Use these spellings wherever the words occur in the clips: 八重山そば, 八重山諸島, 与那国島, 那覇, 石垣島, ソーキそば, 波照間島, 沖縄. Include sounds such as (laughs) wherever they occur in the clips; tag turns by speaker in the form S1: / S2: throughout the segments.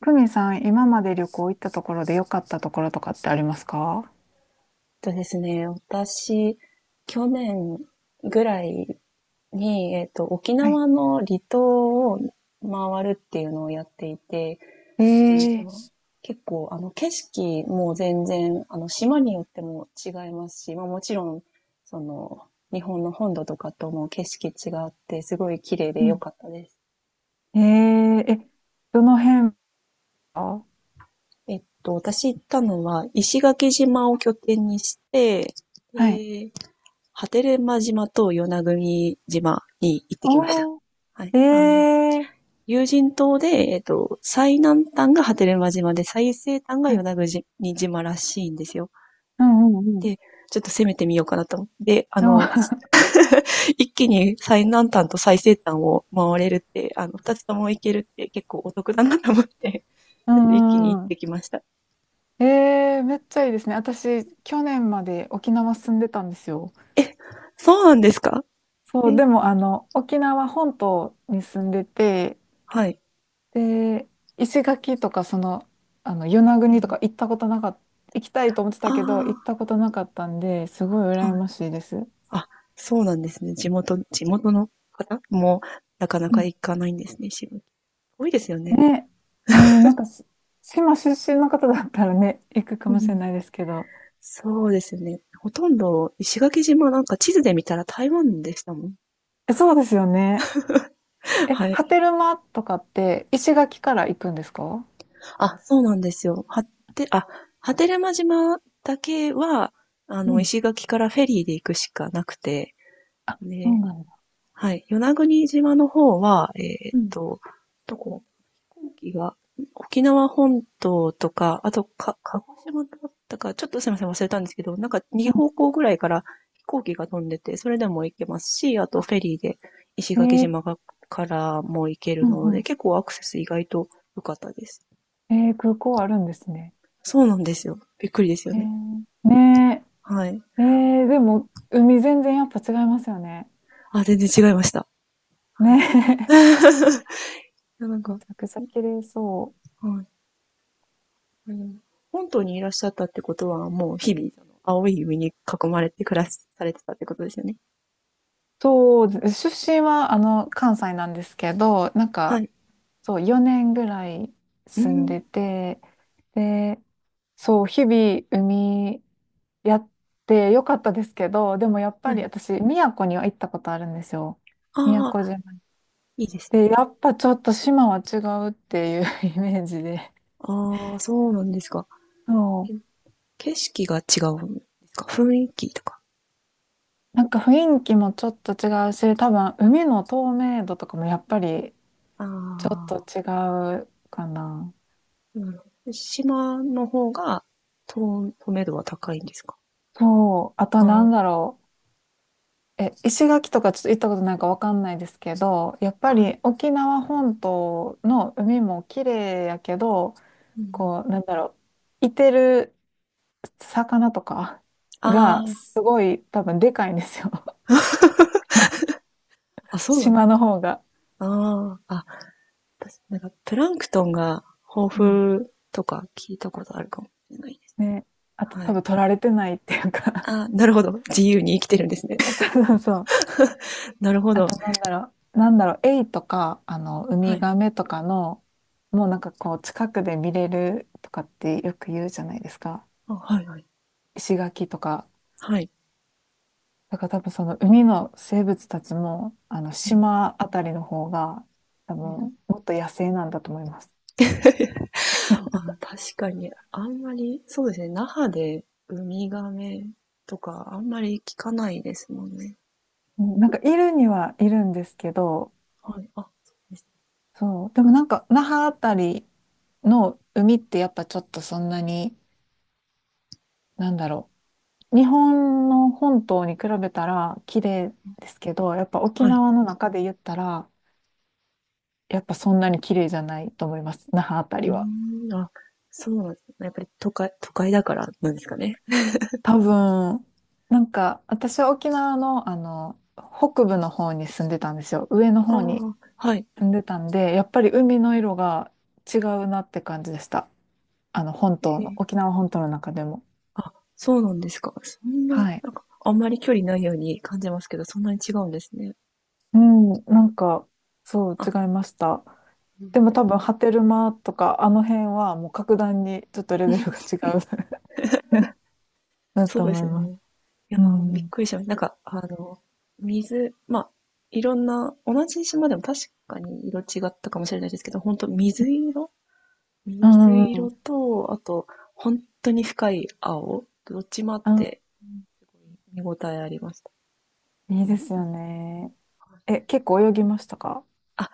S1: 久美さん、今まで旅行行ったところで良かったところとかってありますか？
S2: ですね、私、去年ぐらいに、沖
S1: はい。
S2: 縄の離島を回るっていうのをやっていて、うん
S1: え
S2: と、
S1: え。
S2: 結構、景色も全然、島によっても違いますし、まあもちろん、その、日本の本土とかとも景色違って、すごい綺麗で
S1: う
S2: 良
S1: ん。
S2: かったです。
S1: えええ、どの辺は？
S2: 私行ったのは、石垣島を拠点にして、
S1: はい。
S2: で波照間島と与那国島に行ってきました。
S1: お
S2: はい。
S1: ー、ええ。
S2: 有人島で、最南端が波照間島で、最西端が
S1: は
S2: 与
S1: い。
S2: 那国島らしいんですよ。
S1: うんうんうん。
S2: で、ちょっと攻めてみようかなと思って。で、
S1: うん。
S2: 一気に最南端と最西端を回れるって、二つとも行けるって結構お得だなと思って、
S1: (laughs) う
S2: (laughs) ちょっと一気に行っ
S1: んうん。
S2: てきました。
S1: ええ、めっちゃいいですね。私、去年まで沖縄住んでたんですよ。
S2: え、そうなんですか？
S1: そ
S2: え、
S1: う、でも、あの、沖縄本島に住んでて、
S2: はい。
S1: で、石垣とか、その、あの、与那国とか行ったことなかった、行きたいと思ってた
S2: あ
S1: けど、行ったことなかったんで、すごい
S2: あ、
S1: 羨
S2: はい。
S1: ましいです。
S2: あ、そうなんですね。地元の方もなかな
S1: う
S2: か
S1: ん。
S2: 行かないんですね、石垣。多いですよね。
S1: ね、うん、なんかし、島出身の方だったらね、行くか
S2: う
S1: もしれ
S2: ん。
S1: ないですけど。
S2: そうですよね。ほとんど石垣島なんか地図で見たら台湾でしたもん。
S1: え、そうですよね。
S2: (laughs)
S1: え、
S2: は
S1: 波
S2: い。
S1: 照間とかって、石垣から行くんですか？
S2: あ、そうなんですよ。はて、あ、波照間島だけは、
S1: うん、
S2: 石垣からフェリーで行くしかなくて、
S1: そう
S2: ね。
S1: なんだ。
S2: はい。与那国島の方は、ー
S1: う
S2: っ
S1: ん、
S2: と、どこ飛行機が、沖縄本島とか、あと、鹿児島だったか、ちょっとすみません、忘れたんですけど、なんか
S1: う
S2: 2方
S1: ん。
S2: 向ぐらいから飛行機が飛んでて、それでも行けますし、あと
S1: あ、
S2: フェリーで石
S1: え
S2: 垣
S1: ー。
S2: 島がからも行け
S1: う
S2: る
S1: ん
S2: ので、
S1: う
S2: 結構アクセス意外と良かったです。
S1: ん。えー、空港あるんですね。
S2: そうなんですよ。びっくりですよ
S1: え
S2: ね。
S1: ーね。
S2: はい。
S1: え、えーでも、海全然やっぱ違いますよね。
S2: あ、全然違いました。はい。
S1: ねえ、
S2: やなん
S1: (laughs)
S2: か、
S1: めち
S2: は
S1: ゃくちゃ綺麗そう。
S2: い。うん。本島にいらっしゃったってことは、もう日々、あの青い海に囲まれて暮らしされてたってことですよね。
S1: そう、出身はあの関西なんですけど、なん
S2: は
S1: か
S2: い。
S1: そう4年ぐらい
S2: うー
S1: 住ん
S2: ん。
S1: でて、で、そう日々海やってよかったですけど、でもやっ
S2: は
S1: ぱり
S2: い。
S1: 私宮古には行ったことあるんですよ。宮
S2: ああ、
S1: 古島。
S2: いいですね。
S1: で、やっぱちょっと島は違うっていう (laughs) イメージで。
S2: ああ、そうなんですか。
S1: そ
S2: え、
S1: う。
S2: 景色が違うんですか？雰囲気とか。
S1: なんか雰囲気もちょっと違うし、多分海の透明度とかもやっぱり
S2: あ
S1: ちょっと
S2: あ、
S1: 違うかな。
S2: なるほど。島の方が、透明度は高いんですか？
S1: そう。あとな
S2: あ
S1: んだろう。え、石垣とかちょっと行ったことないかわかんないですけど、やっぱ
S2: あ、あ、うん。
S1: り沖縄本島の海も綺麗やけど、こう、なんだろう。いてる魚とか
S2: ああ、
S1: がすごい多分でかいんですよ。(laughs)
S2: あ、そうなん。
S1: 島の方が。
S2: ああー、あ、私、プランクトンが豊
S1: うん。
S2: 富とか聞いたことあるかもしれないです。
S1: ね。あと多分取られてないっていうか。
S2: あ、なるほど。自由に生きてるんですね。
S1: (laughs) そ
S2: (laughs)
S1: うそうそう。
S2: なるほ
S1: あ
S2: ど。
S1: となんだろう、なんだろう、エイとか、あの、ウ
S2: は
S1: ミ
S2: い。
S1: ガメとかの、もうなんかこう、近くで見れるとかってよく言うじゃないですか。
S2: あ、はいはい。
S1: 石垣とか。
S2: はい。
S1: だから多分その海の生物たちも、あの、
S2: うん
S1: 島あたりの方が、多
S2: うん
S1: 分、もっと野生なんだと思います。
S2: (laughs)。あ、確かに、あんまり、そうですね、那覇でウミガメとか、あんまり聞かないですもんね。
S1: うん。なんか、いるにはいるんですけど、
S2: はい。あ、そうです。
S1: そう。でもなんか、那覇あたりの海ってやっぱちょっとそんなに、なんだろう、日本の本島に比べたら綺麗ですけど、やっぱ沖
S2: はい。
S1: 縄の中で言ったら、やっぱそんなに綺麗じゃないと思います。那覇あた
S2: う
S1: りは。
S2: ーん、あ、そうなんですね。やっぱり都会だからなんですかね。
S1: 多分、なんか私は沖縄のあの、北部の方に住んでたんですよ。上の
S2: あ
S1: 方に
S2: あ、はい。
S1: 住んでたんで、やっぱり海の色が違うなって感じでした。あの、本島
S2: え
S1: の、
S2: え。
S1: 沖縄本島の中でも。
S2: あ、そうなんですか。そんな、
S1: はい。
S2: なんか、あんまり距離ないように感じますけど、そんなに違うんですね。
S1: うん、なんか、そう、違
S2: あ、
S1: いました。
S2: うん、
S1: でも多分、ハテルマとか、あの辺はもう格段にちょっとレベルが違う (laughs) だ
S2: そ
S1: と
S2: うで
S1: 思い
S2: す
S1: ます。
S2: ね。いや
S1: う
S2: ー、びっ
S1: ん。
S2: くりしました。水、まあ、いろんな、同じ島でも確かに色違ったかもしれないですけど、本当
S1: う
S2: 水
S1: んうんう
S2: 色
S1: ん。
S2: と、あと、本当に深い青、どっちもあっ
S1: あ、
S2: て、すごい見応えありました。
S1: いい
S2: う
S1: で
S2: ん
S1: す
S2: う
S1: よ
S2: ん。
S1: ね。え、結構泳ぎましたか？
S2: あ、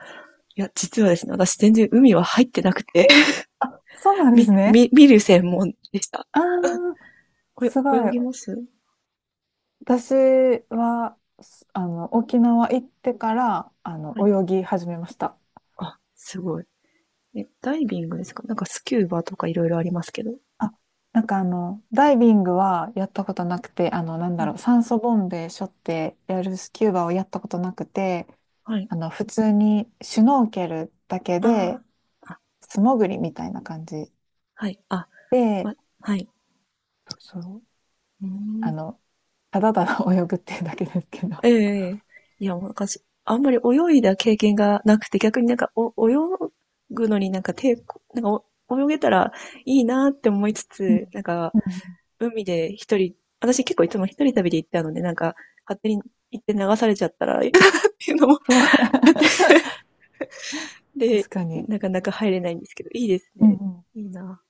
S2: 実はですね、私全然海は入ってなくて、
S1: あ、そうな
S2: (laughs)
S1: んですね。
S2: 見る専門でした。
S1: ああ、すご
S2: 泳
S1: い。
S2: ぎます？
S1: 私は、す、あの、沖縄行ってから、あの、
S2: はい。
S1: 泳ぎ始めました。
S2: あ、すごい。え、ダイビングですか？なんかスキューバとかいろいろありますけど。
S1: あ、なんかあの、ダイビングはやったことなくて、あの、なん
S2: は
S1: だ
S2: い。
S1: ろう、酸素ボンベ背負ってやるスキューバをやったことなくて、
S2: はい。
S1: あの、普通にシュノーケルだけ
S2: あ
S1: で、
S2: あ、あ、
S1: 素潜りみたいな感じ
S2: はい、
S1: で、
S2: わ、はい。
S1: そう、
S2: うー
S1: あ
S2: ん。
S1: の、ただただ泳ぐっていうだけですけど。
S2: ええ、ええ。いや、もうなんかす、あんまり泳いだ経験がなくて、逆になんか、泳ぐのになんか抵抗、泳げたらいいなって思いつ
S1: うん
S2: つ、なんか、
S1: うん。
S2: 海で一人、私結構いつも一人旅で行ったので、なんか、勝手に行って流されちゃったらいいかなっていうのも
S1: そう。
S2: あって、
S1: (laughs)
S2: で、
S1: 確かに。
S2: なかなか入れないんですけど、いいです
S1: うん
S2: ね。
S1: う
S2: いいな。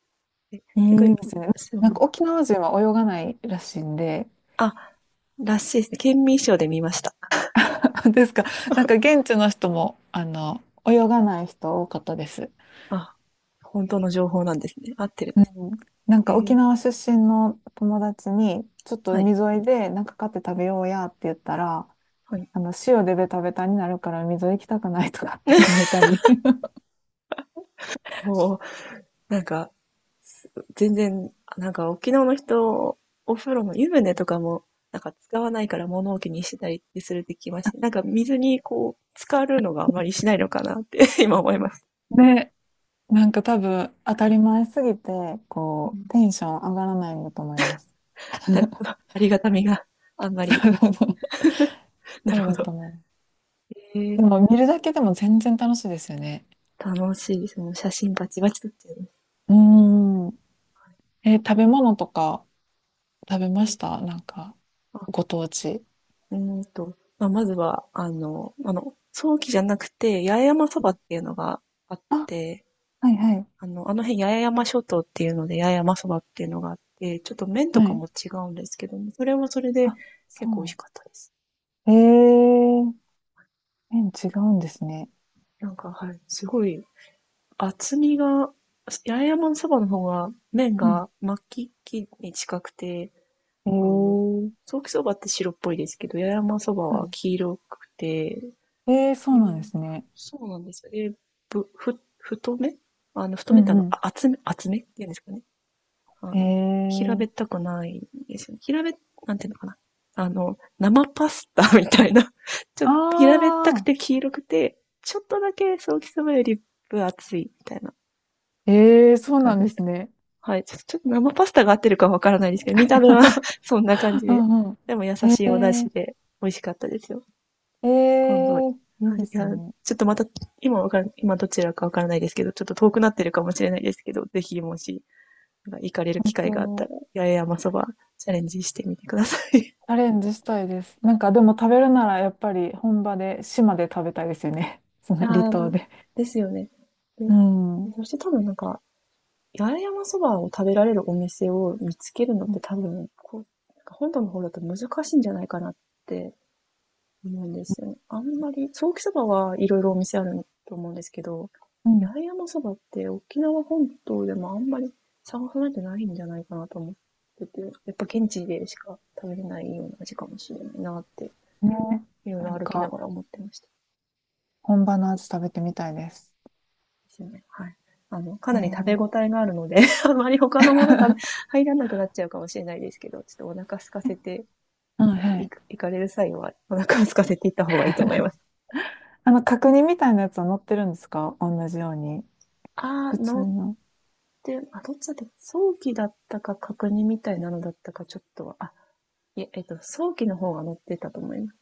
S2: え、結
S1: ん、い
S2: 構、
S1: いですね。
S2: そ
S1: なんか
S2: う、
S1: 沖縄人は泳がないらしいんで、
S2: あ、らしいですね。県民賞で見ました。
S1: (laughs) ですか。なんか現地の人も、あの、泳がない人多かったです。
S2: あ、本当の情報なんですね。合ってるん
S1: う
S2: で
S1: ん。
S2: す。
S1: なん
S2: へ
S1: か沖
S2: え。
S1: 縄出身の友達に、ちょっと
S2: はい。
S1: 海沿いでなんか買って食べようやって言ったら、
S2: はい。
S1: あの、塩でベタベタになるから海沿い行きたくないとかって言わ
S2: (laughs)
S1: れたり。(laughs)
S2: もう、なんか、全然、なんか沖縄の人、お風呂の湯船とかも、なんか使わないから物置にしてたりするって聞きまして、なんか水にこう、浸かるのがあまりしないのかなって (laughs) 今思います。
S1: ね、なんか多分当たり前すぎて、
S2: う
S1: こ
S2: ん。
S1: う、テンション上がらないんだと思います。
S2: なるほど。
S1: (laughs)
S2: ありがたみがあんまり。なる
S1: そう
S2: ほ
S1: だと
S2: ど。
S1: 思う。
S2: へえ、
S1: でも見るだけでも全然楽しいですよね。
S2: 楽しいです。もう写真バチバチ撮っちゃいます。
S1: うーん。えー、食べ物とか食べ
S2: へ
S1: まし
S2: え。
S1: た？なんか、
S2: あ、
S1: ご当地。
S2: まあ、まずは、あの、早期じゃなくて、八重山そばっていうのがあっ
S1: あ、
S2: て、
S1: はいはい。
S2: あの辺八重山諸島っていうので、八重山そばっていうのがあって、ちょっと麺と
S1: は
S2: か
S1: い。
S2: も違うんですけども、それはそれで
S1: あ、
S2: 結構美味し
S1: そ
S2: かったです。
S1: う。えー、麺違うんですね。
S2: なんか、はい、すごい厚みが、八重山そばの方が麺
S1: うん。
S2: が巻きに近くて、
S1: え
S2: あの、
S1: ー、
S2: 早期そばって白っぽいですけど、八重山そば
S1: は
S2: は黄色くて、
S1: い。えー、そ
S2: う
S1: うなんで
S2: ん、
S1: すね。
S2: そうなんですよ。え、太め、あの、太
S1: う
S2: めってあの、
S1: んう
S2: あ厚めって言うんですかね。あ
S1: ん。
S2: の、平
S1: え
S2: べっ
S1: ー、
S2: たくないですよね。平べ、なんていうのかな。あの、生パスタ (laughs) みたいな。(laughs) ちょっと平べったく
S1: あ
S2: て黄色くて、ちょっとだけソーキそばより分厚いみたいな
S1: ー、えー、そう
S2: 感
S1: な
S2: じ
S1: ん
S2: で
S1: で
S2: し
S1: す
S2: た。
S1: ね。
S2: はい。ちょっと生パスタが合ってるかわからないですけど、見た目は (laughs)
S1: (laughs)
S2: そんな感じ
S1: う
S2: で。
S1: んうん。
S2: でも優しいお出汁
S1: え
S2: で美味しかったですよ。
S1: ー、え
S2: 今度、はい。
S1: ー、いいで
S2: い
S1: す
S2: や、
S1: ね。
S2: ちょっとまた、今どちらかわからないですけど、ちょっと遠くなってるかもしれないですけど、ぜひもし、なんか行かれる機
S1: 本
S2: 会があった
S1: 当、
S2: ら、八重山そばチャレンジしてみてください。
S1: チャレンジしたいです。なんかでも食べるならやっぱり本場で、島で食べたいですよね。(laughs) そ
S2: (laughs)
S1: の
S2: あ
S1: 離
S2: あ、
S1: 島
S2: な
S1: で。
S2: ですよね。で、
S1: うん。
S2: そして多分なんか、八重山そばを食べられるお店を見つけるのっ
S1: う
S2: て
S1: ん
S2: 多分、こう、なんか本土の方だと難しいんじゃないかなって。そうなんですよね。あんまり、ソーキそばはいろいろお店あると思うんですけど、
S1: うん。
S2: 八重山そばって沖縄本島でもあんまり探さないとないんじゃないかなと思ってて、やっぱ現地でしか食べれないような味かもしれないなって、
S1: ね、
S2: いろい
S1: なん
S2: ろ歩きな
S1: か
S2: がら思ってました。
S1: 本場の味食べてみたいです。
S2: ですね。はい。あの、か
S1: え
S2: なり食べ
S1: ー、
S2: 応えがあるので (laughs) あまり他のもの食べ、入らなくなっちゃうかもしれないですけど、ちょっとお腹空かせて、
S1: は、
S2: は
S1: は
S2: い、
S1: い。
S2: 行かれる際はお腹を空かせて行った方がいいと思います。
S1: あの角煮みたいなやつは乗ってるんですか？同じように。
S2: あー、
S1: 普通
S2: の、
S1: の。
S2: で、どっちだったか早期だったか確認みたいなのだったかちょっとは、あ、いえ、早期の方が載ってたと思います。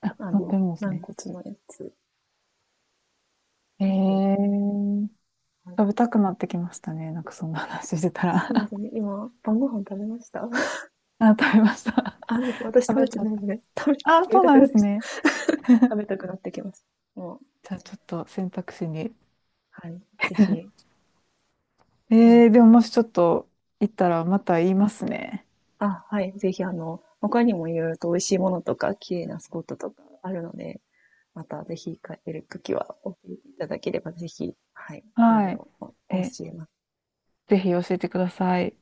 S1: あ、
S2: あ
S1: 乗ってる
S2: の、
S1: んです
S2: 軟
S1: ね。
S2: 骨のやつ。
S1: え
S2: うん。
S1: ー、
S2: はい、
S1: 食べたくなってきましたね。なんかそんな話してた
S2: そうで
S1: ら。
S2: すね。今、晩ご飯食べました。 (laughs)
S1: (laughs) あ、食べました。
S2: あ、です、私
S1: 食
S2: 食べ
S1: べ
S2: て
S1: た。
S2: ないので、食
S1: あ、
S2: べ
S1: そう
S2: た
S1: な
S2: く
S1: ん
S2: なっ
S1: で
S2: て
S1: す
S2: きた。
S1: ね。
S2: (laughs) 食べたくなってきます。もう、
S1: じゃあちょっと選択肢に。
S2: はい。ぜひ、うん。
S1: えー、でももしちょっと行ったらまた言いますね。
S2: あ、はい。ぜひ、他にもいろいろと美味しいものとか、綺麗なスポットとかあるので、またぜひ帰れるときは教えていただければ、ぜひ、はい、いろい
S1: はい。
S2: ろお
S1: え、
S2: 教えます。
S1: ぜひ教えてください。